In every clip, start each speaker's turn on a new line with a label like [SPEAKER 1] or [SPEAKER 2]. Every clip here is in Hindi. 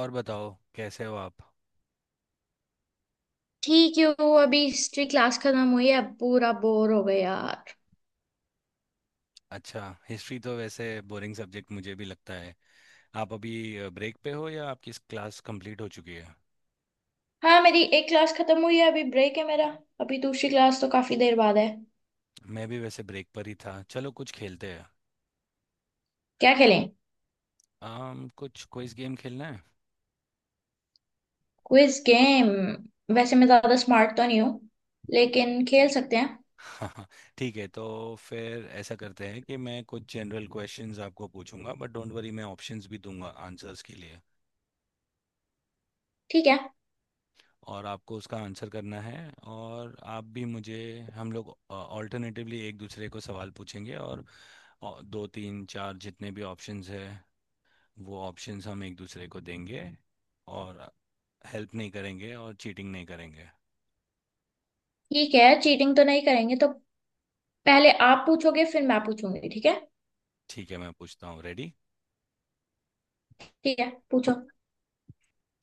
[SPEAKER 1] और बताओ कैसे हो आप।
[SPEAKER 2] ठीक है। वो अभी हिस्ट्री क्लास खत्म हुई है। अब पूरा बोर हो गया यार।
[SPEAKER 1] अच्छा हिस्ट्री तो वैसे बोरिंग सब्जेक्ट मुझे भी लगता है। आप अभी ब्रेक पे हो या आपकी क्लास कंप्लीट हो चुकी है?
[SPEAKER 2] हाँ, मेरी एक क्लास खत्म हुई है, अभी ब्रेक है मेरा। अभी दूसरी क्लास तो काफी देर बाद है।
[SPEAKER 1] मैं भी वैसे ब्रेक पर ही था, चलो कुछ खेलते हैं।
[SPEAKER 2] क्या खेलें।
[SPEAKER 1] आम कुछ क्विज गेम खेलना है।
[SPEAKER 2] Quiz game. वैसे मैं ज्यादा स्मार्ट तो नहीं हूँ, लेकिन खेल सकते हैं।
[SPEAKER 1] हाँ, ठीक है। तो फिर ऐसा करते हैं कि मैं कुछ जनरल क्वेश्चंस आपको पूछूंगा, बट डोंट वरी मैं ऑप्शंस भी दूंगा आंसर्स के लिए।
[SPEAKER 2] ठीक है।
[SPEAKER 1] और आपको उसका आंसर करना है और आप भी मुझे। हम लोग ऑल्टरनेटिवली एक दूसरे को सवाल पूछेंगे और दो तीन चार जितने भी ऑप्शंस है वो ऑप्शंस हम एक दूसरे को देंगे। और हेल्प नहीं करेंगे और चीटिंग नहीं करेंगे।
[SPEAKER 2] ठीक है, चीटिंग तो नहीं करेंगे तो पहले आप पूछोगे, फिर मैं पूछूंगी, ठीक है।
[SPEAKER 1] ठीक है मैं पूछता हूँ, रेडी?
[SPEAKER 2] ठीक है, पूछो।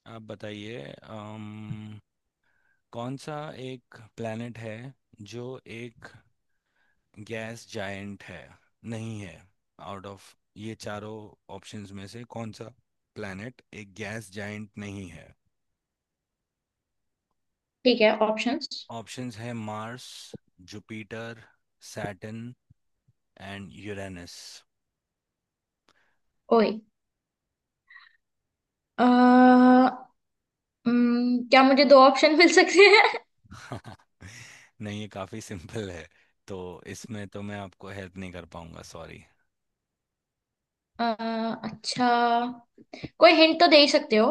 [SPEAKER 1] आप बताइए, कौन सा एक प्लेनेट है जो एक गैस जायंट है, नहीं है। आउट ऑफ ये चारों ऑप्शंस में से कौन सा प्लैनेट एक गैस जायंट नहीं है।
[SPEAKER 2] ठीक है, ऑप्शंस।
[SPEAKER 1] ऑप्शंस है Mars, Jupiter, Saturn and Uranus.
[SPEAKER 2] ओए। अ, क्या मुझे दो ऑप्शन मिल सकते हैं।
[SPEAKER 1] नहीं, ये काफी सिंपल है, तो इसमें तो मैं आपको हेल्प नहीं कर पाऊंगा, सॉरी।
[SPEAKER 2] अच्छा, कोई हिंट तो दे ही सकते हो।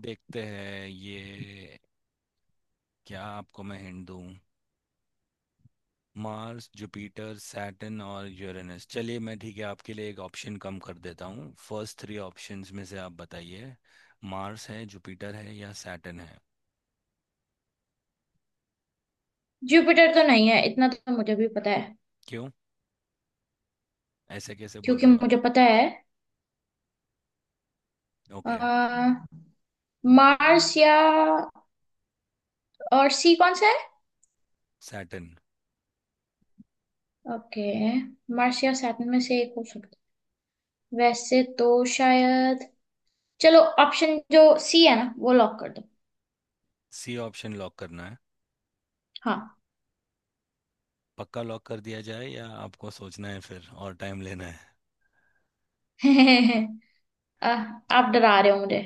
[SPEAKER 1] देखते हैं ये, क्या आपको मैं हिंट दूं। मार्स, जुपिटर, सैटर्न और यूरेनस, चलिए मैं ठीक है आपके लिए एक ऑप्शन कम कर देता हूँ, फर्स्ट थ्री ऑप्शंस में से आप बताइए, मार्स है, जुपिटर है, या सैटर्न है।
[SPEAKER 2] जुपिटर तो नहीं है, इतना तो मुझे भी पता है।
[SPEAKER 1] क्यों, ऐसे कैसे बोल
[SPEAKER 2] क्योंकि
[SPEAKER 1] रहे हो आप?
[SPEAKER 2] मुझे पता है।
[SPEAKER 1] ओके।
[SPEAKER 2] आ, मार्स या और सी कौन सा है।
[SPEAKER 1] सैटर्न।
[SPEAKER 2] ओके। मार्स या सैटर्न में से एक हो सकता है वैसे तो शायद। चलो, ऑप्शन जो सी है ना, वो लॉक कर दो।
[SPEAKER 1] सी ऑप्शन लॉक करना है?
[SPEAKER 2] हाँ।
[SPEAKER 1] पक्का लॉक कर दिया जाए या आपको सोचना है फिर और टाइम लेना है?
[SPEAKER 2] आ, आप डरा रहे हो मुझे।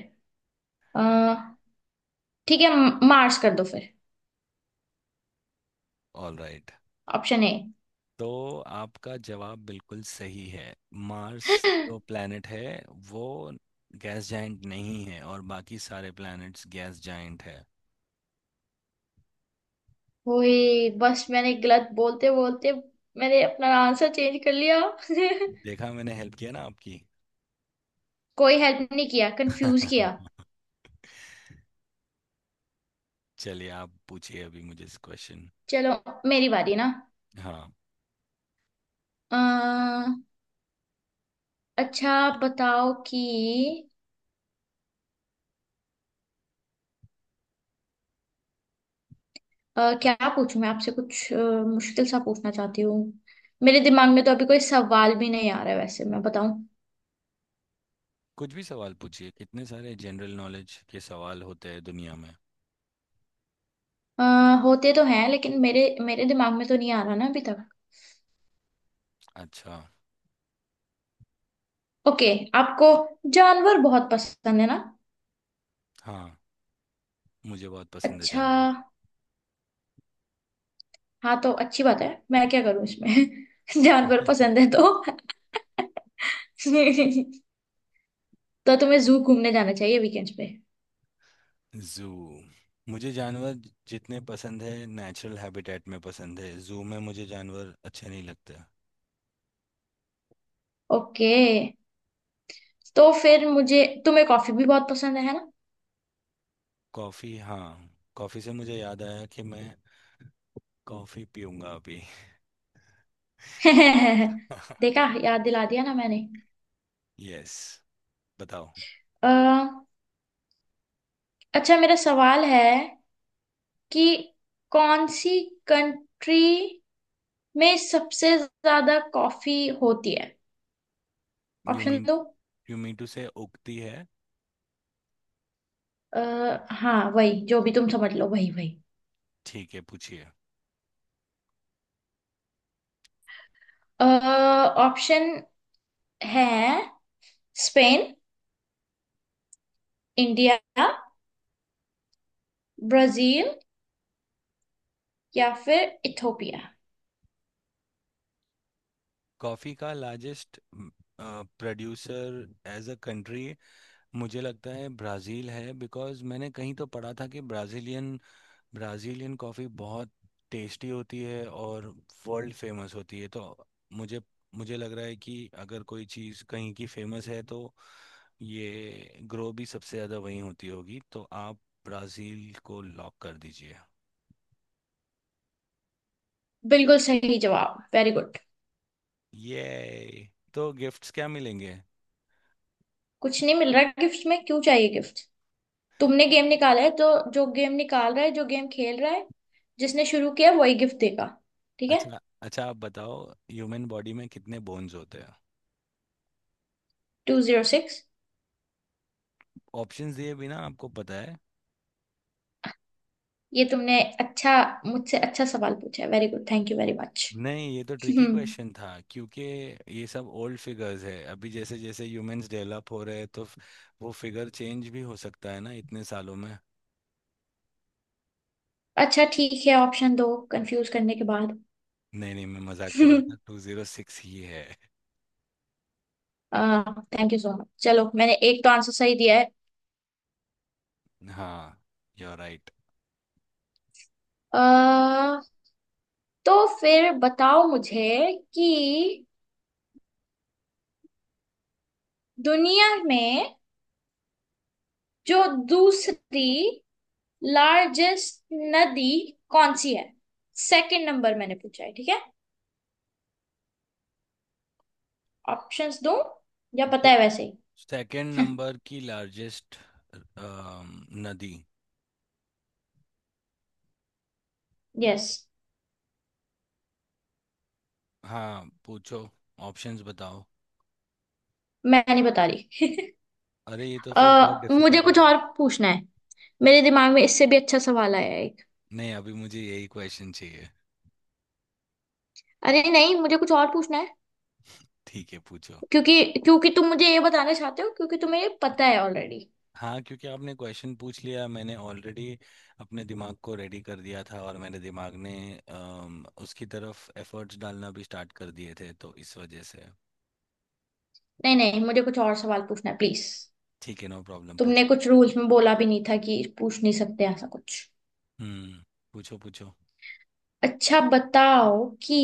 [SPEAKER 2] आ, ठीक है, मार्स कर दो फिर।
[SPEAKER 1] All right.
[SPEAKER 2] Option A.
[SPEAKER 1] तो आपका जवाब बिल्कुल सही है। मार्स जो प्लैनेट है वो गैस जाइंट नहीं है, और बाकी सारे प्लैनेट्स गैस जाइंट है।
[SPEAKER 2] ओए, बस मैंने गलत बोलते बोलते मैंने अपना आंसर चेंज कर लिया।
[SPEAKER 1] देखा मैंने हेल्प किया ना आपकी।
[SPEAKER 2] कोई हेल्प नहीं किया, कंफ्यूज किया।
[SPEAKER 1] चलिए आप पूछिए अभी मुझे इस क्वेश्चन।
[SPEAKER 2] चलो, मेरी बारी ना।
[SPEAKER 1] हाँ।
[SPEAKER 2] अ, अच्छा बताओ कि क्या पूछूं मैं आपसे कुछ, मुश्किल सा पूछना चाहती हूँ। मेरे दिमाग में तो अभी कोई सवाल भी नहीं आ रहा है वैसे, मैं बताऊं।
[SPEAKER 1] कुछ भी सवाल पूछिए, इतने सारे जनरल नॉलेज के सवाल होते हैं दुनिया में।
[SPEAKER 2] अ, होते तो हैं, लेकिन मेरे मेरे दिमाग में तो नहीं आ रहा ना अभी तक।
[SPEAKER 1] अच्छा।
[SPEAKER 2] ओके, आपको जानवर बहुत पसंद है ना।
[SPEAKER 1] हाँ, मुझे बहुत पसंद है
[SPEAKER 2] अच्छा।
[SPEAKER 1] जानवर।
[SPEAKER 2] हाँ, तो अच्छी बात है, मैं क्या करूं इसमें। जानवर पसंद है तो तो तुम्हें जू घूमने जाना चाहिए वीकेंड्स पे।
[SPEAKER 1] जू? मुझे जानवर जितने पसंद है नेचुरल हैबिटेट में पसंद है, जू में मुझे जानवर अच्छे नहीं लगते।
[SPEAKER 2] ओके, तो फिर मुझे, तुम्हें कॉफी भी बहुत पसंद है ना।
[SPEAKER 1] कॉफ़ी, हाँ। कॉफ़ी से मुझे याद आया कि मैं कॉफ़ी पीऊंगा अभी।
[SPEAKER 2] देखा, याद दिला दिया ना मैंने।
[SPEAKER 1] यस, बताओ।
[SPEAKER 2] अ, अच्छा, मेरा सवाल है कि कौन सी कंट्री में सबसे ज्यादा कॉफी होती है।
[SPEAKER 1] यू
[SPEAKER 2] ऑप्शन
[SPEAKER 1] मीन,
[SPEAKER 2] दो।
[SPEAKER 1] यू मीन टू से उगती है?
[SPEAKER 2] आ, हाँ, वही, जो भी तुम समझ लो वही वही।
[SPEAKER 1] ठीक है पूछिए।
[SPEAKER 2] ऑप्शन है स्पेन, इंडिया, ब्राजील, या फिर इथोपिया।
[SPEAKER 1] कॉफी का largest producer as a country, मुझे लगता है ब्राज़ील है, बिकॉज़ मैंने कहीं तो पढ़ा था कि ब्राज़ीलियन, ब्राज़ीलियन कॉफ़ी बहुत टेस्टी होती है और वर्ल्ड फेमस होती है। तो मुझे मुझे लग रहा है कि अगर कोई चीज़ कहीं की फेमस है तो ये ग्रो भी सबसे ज़्यादा वहीं होती होगी, तो आप ब्राज़ील को लॉक कर दीजिए।
[SPEAKER 2] बिल्कुल सही जवाब, वेरी गुड।
[SPEAKER 1] ये तो गिफ्ट्स क्या मिलेंगे?
[SPEAKER 2] कुछ नहीं मिल रहा गिफ्ट में, क्यों चाहिए गिफ्ट। तुमने गेम निकाला है तो जो गेम निकाल रहा है, जो गेम खेल रहा है, जिसने शुरू किया, वही गिफ्ट देगा, ठीक है।
[SPEAKER 1] अच्छा अच्छा, आप बताओ ह्यूमन बॉडी में कितने बोन्स होते हैं।
[SPEAKER 2] 206।
[SPEAKER 1] ऑप्शंस दिए बिना आपको पता है?
[SPEAKER 2] ये तुमने अच्छा, मुझसे अच्छा सवाल पूछा है। Very good, thank you very much.
[SPEAKER 1] नहीं, ये तो ट्रिकी
[SPEAKER 2] हम्म।
[SPEAKER 1] क्वेश्चन था क्योंकि ये सब ओल्ड फिगर्स है। अभी जैसे जैसे ह्यूमंस डेवलप हो रहे हैं तो वो फिगर चेंज भी हो सकता है ना इतने सालों में।
[SPEAKER 2] अच्छा, ठीक है, ऑप्शन दो, कंफ्यूज करने के बाद।
[SPEAKER 1] नहीं नहीं, मैं मजाक कर रहा था, टू जीरो सिक्स ही है।
[SPEAKER 2] थैंक यू सो मच, चलो मैंने एक तो आंसर सही दिया है।
[SPEAKER 1] हाँ, यू राइट।
[SPEAKER 2] अह तो फिर बताओ मुझे कि दुनिया में जो दूसरी लार्जेस्ट नदी कौन सी है। सेकंड नंबर मैंने पूछा है, ठीक है। ऑप्शंस दो, या पता
[SPEAKER 1] तो
[SPEAKER 2] है वैसे ही।
[SPEAKER 1] सेकंड नंबर की लार्जेस्ट नदी।
[SPEAKER 2] यस।
[SPEAKER 1] हाँ पूछो, ऑप्शंस बताओ।
[SPEAKER 2] मैं नहीं बता रही।
[SPEAKER 1] अरे ये तो फिर बहुत
[SPEAKER 2] मुझे
[SPEAKER 1] डिफिकल्ट हो।
[SPEAKER 2] कुछ और पूछना है। मेरे दिमाग में इससे भी अच्छा सवाल आया है एक।
[SPEAKER 1] नहीं, अभी मुझे यही क्वेश्चन चाहिए।
[SPEAKER 2] अरे नहीं, मुझे कुछ और पूछना है।
[SPEAKER 1] ठीक है पूछो।
[SPEAKER 2] क्योंकि क्योंकि तुम मुझे ये बताना चाहते हो, क्योंकि तुम्हें ये पता है ऑलरेडी।
[SPEAKER 1] हाँ, क्योंकि आपने क्वेश्चन पूछ लिया, मैंने ऑलरेडी अपने दिमाग को रेडी कर दिया था और मेरे दिमाग ने उसकी तरफ एफर्ट्स डालना भी स्टार्ट कर दिए थे, तो इस वजह से।
[SPEAKER 2] नहीं नहीं, मुझे कुछ और सवाल पूछना है प्लीज।
[SPEAKER 1] ठीक है नो प्रॉब्लम
[SPEAKER 2] तुमने
[SPEAKER 1] पूछो।
[SPEAKER 2] कुछ रूल्स में बोला भी नहीं था कि पूछ नहीं सकते ऐसा कुछ।
[SPEAKER 1] हम्म, पूछो पूछो।
[SPEAKER 2] अच्छा बताओ कि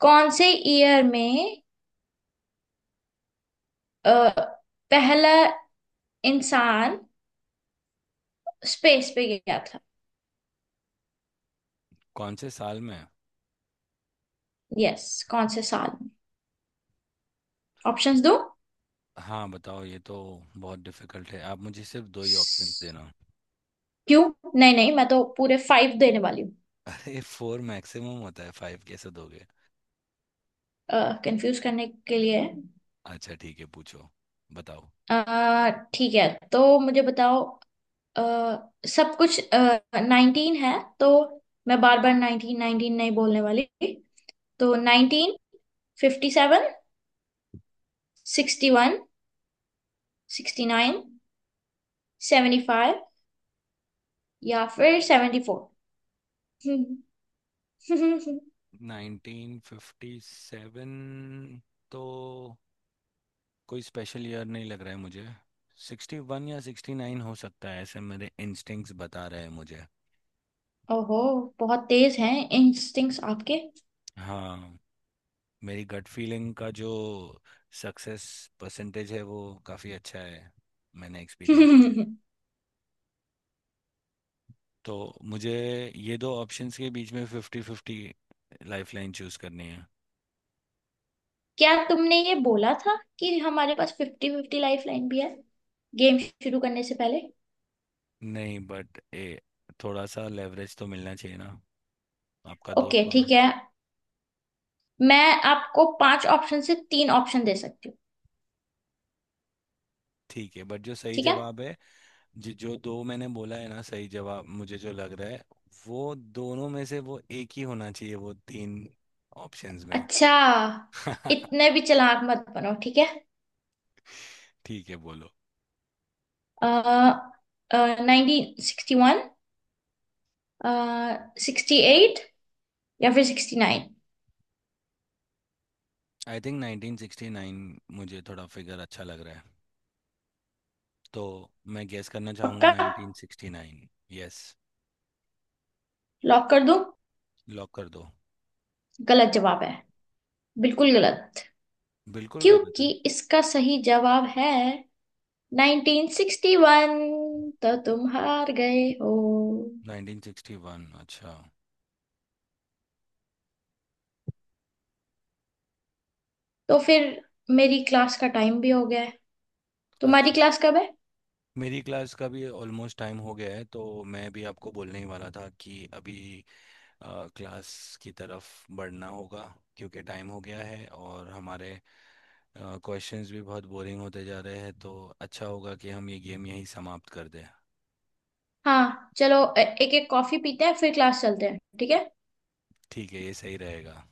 [SPEAKER 2] कौन से ईयर में अ, पहला इंसान स्पेस पे गया था।
[SPEAKER 1] कौन से साल में?
[SPEAKER 2] यस, कौन से साल में। ऑप्शंस दो।
[SPEAKER 1] हाँ बताओ, ये तो बहुत डिफिकल्ट है, आप मुझे सिर्फ दो ही ऑप्शन
[SPEAKER 2] स-
[SPEAKER 1] देना।
[SPEAKER 2] क्यों। नहीं नहीं, मैं तो पूरे फाइव देने वाली हूँ।
[SPEAKER 1] अरे फोर मैक्सिमम होता है, फाइव कैसे दोगे।
[SPEAKER 2] कंफ्यूज करने के लिए।
[SPEAKER 1] अच्छा ठीक है, पूछो, बताओ।
[SPEAKER 2] ठीक है, तो मुझे बताओ, अ, सब कुछ नाइनटीन है, तो मैं बार बार नाइनटीन नाइनटीन नहीं बोलने वाली। तो 1957, 61, 69, 75, या फिर 74।
[SPEAKER 1] 1957, तो कोई स्पेशल ईयर नहीं लग रहा है मुझे। 61 या 69 हो सकता है, ऐसे मेरे इंस्टिंक्ट्स बता रहे हैं मुझे।
[SPEAKER 2] ओहो, बहुत तेज हैं इंस्टिंक्ट्स आपके।
[SPEAKER 1] हाँ, मेरी गट फीलिंग का जो सक्सेस परसेंटेज है वो काफ़ी अच्छा है, मैंने एक्सपीरियंस किया। तो मुझे ये दो ऑप्शंस के बीच में fifty fifty lifeline choose करनी है।
[SPEAKER 2] क्या तुमने ये बोला था कि हमारे पास फिफ्टी फिफ्टी लाइफ लाइन भी है, गेम शुरू करने से पहले।
[SPEAKER 1] नहीं बट ए, थोड़ा सा लेवरेज तो मिलना चाहिए ना, आपका
[SPEAKER 2] ओके,
[SPEAKER 1] दोस्त हो ना।
[SPEAKER 2] ठीक है, मैं आपको पांच ऑप्शन से तीन ऑप्शन दे सकती हूँ।
[SPEAKER 1] ठीक है, बट जो सही
[SPEAKER 2] ठीक है।
[SPEAKER 1] जवाब है, जी जो दो मैंने बोला है ना सही जवाब मुझे जो लग रहा है, वो दोनों में से वो एक ही होना चाहिए वो तीन ऑप्शंस में।
[SPEAKER 2] अच्छा, इतने भी चालाक मत बनो, ठीक है।
[SPEAKER 1] ठीक है बोलो।
[SPEAKER 2] 1961, 68, या फिर 69।
[SPEAKER 1] आई थिंक 1969, मुझे थोड़ा फिगर अच्छा लग रहा है, तो मैं गेस करना चाहूँगा
[SPEAKER 2] पक्का,
[SPEAKER 1] 1969, यस।
[SPEAKER 2] लॉक कर दूं।
[SPEAKER 1] लॉक कर दो।
[SPEAKER 2] गलत जवाब है, बिल्कुल गलत।
[SPEAKER 1] बिल्कुल गलत
[SPEAKER 2] क्योंकि
[SPEAKER 1] है।
[SPEAKER 2] इसका सही जवाब है 1961। तो तुम हार गए हो।
[SPEAKER 1] 1961 अच्छा।
[SPEAKER 2] तो फिर मेरी क्लास का टाइम भी हो गया है, तुम्हारी
[SPEAKER 1] अच्छा,
[SPEAKER 2] क्लास कब है।
[SPEAKER 1] मेरी क्लास का भी ऑलमोस्ट टाइम हो गया है, तो मैं भी आपको बोलने ही वाला था कि अभी क्लास की तरफ बढ़ना होगा क्योंकि टाइम हो गया है और हमारे क्वेश्चंस भी बहुत बोरिंग होते जा रहे हैं, तो अच्छा होगा कि हम ये गेम यहीं समाप्त कर दें।
[SPEAKER 2] हाँ चलो, एक एक कॉफी पीते हैं, फिर क्लास चलते हैं, ठीक है।
[SPEAKER 1] ठीक है, ये सही रहेगा।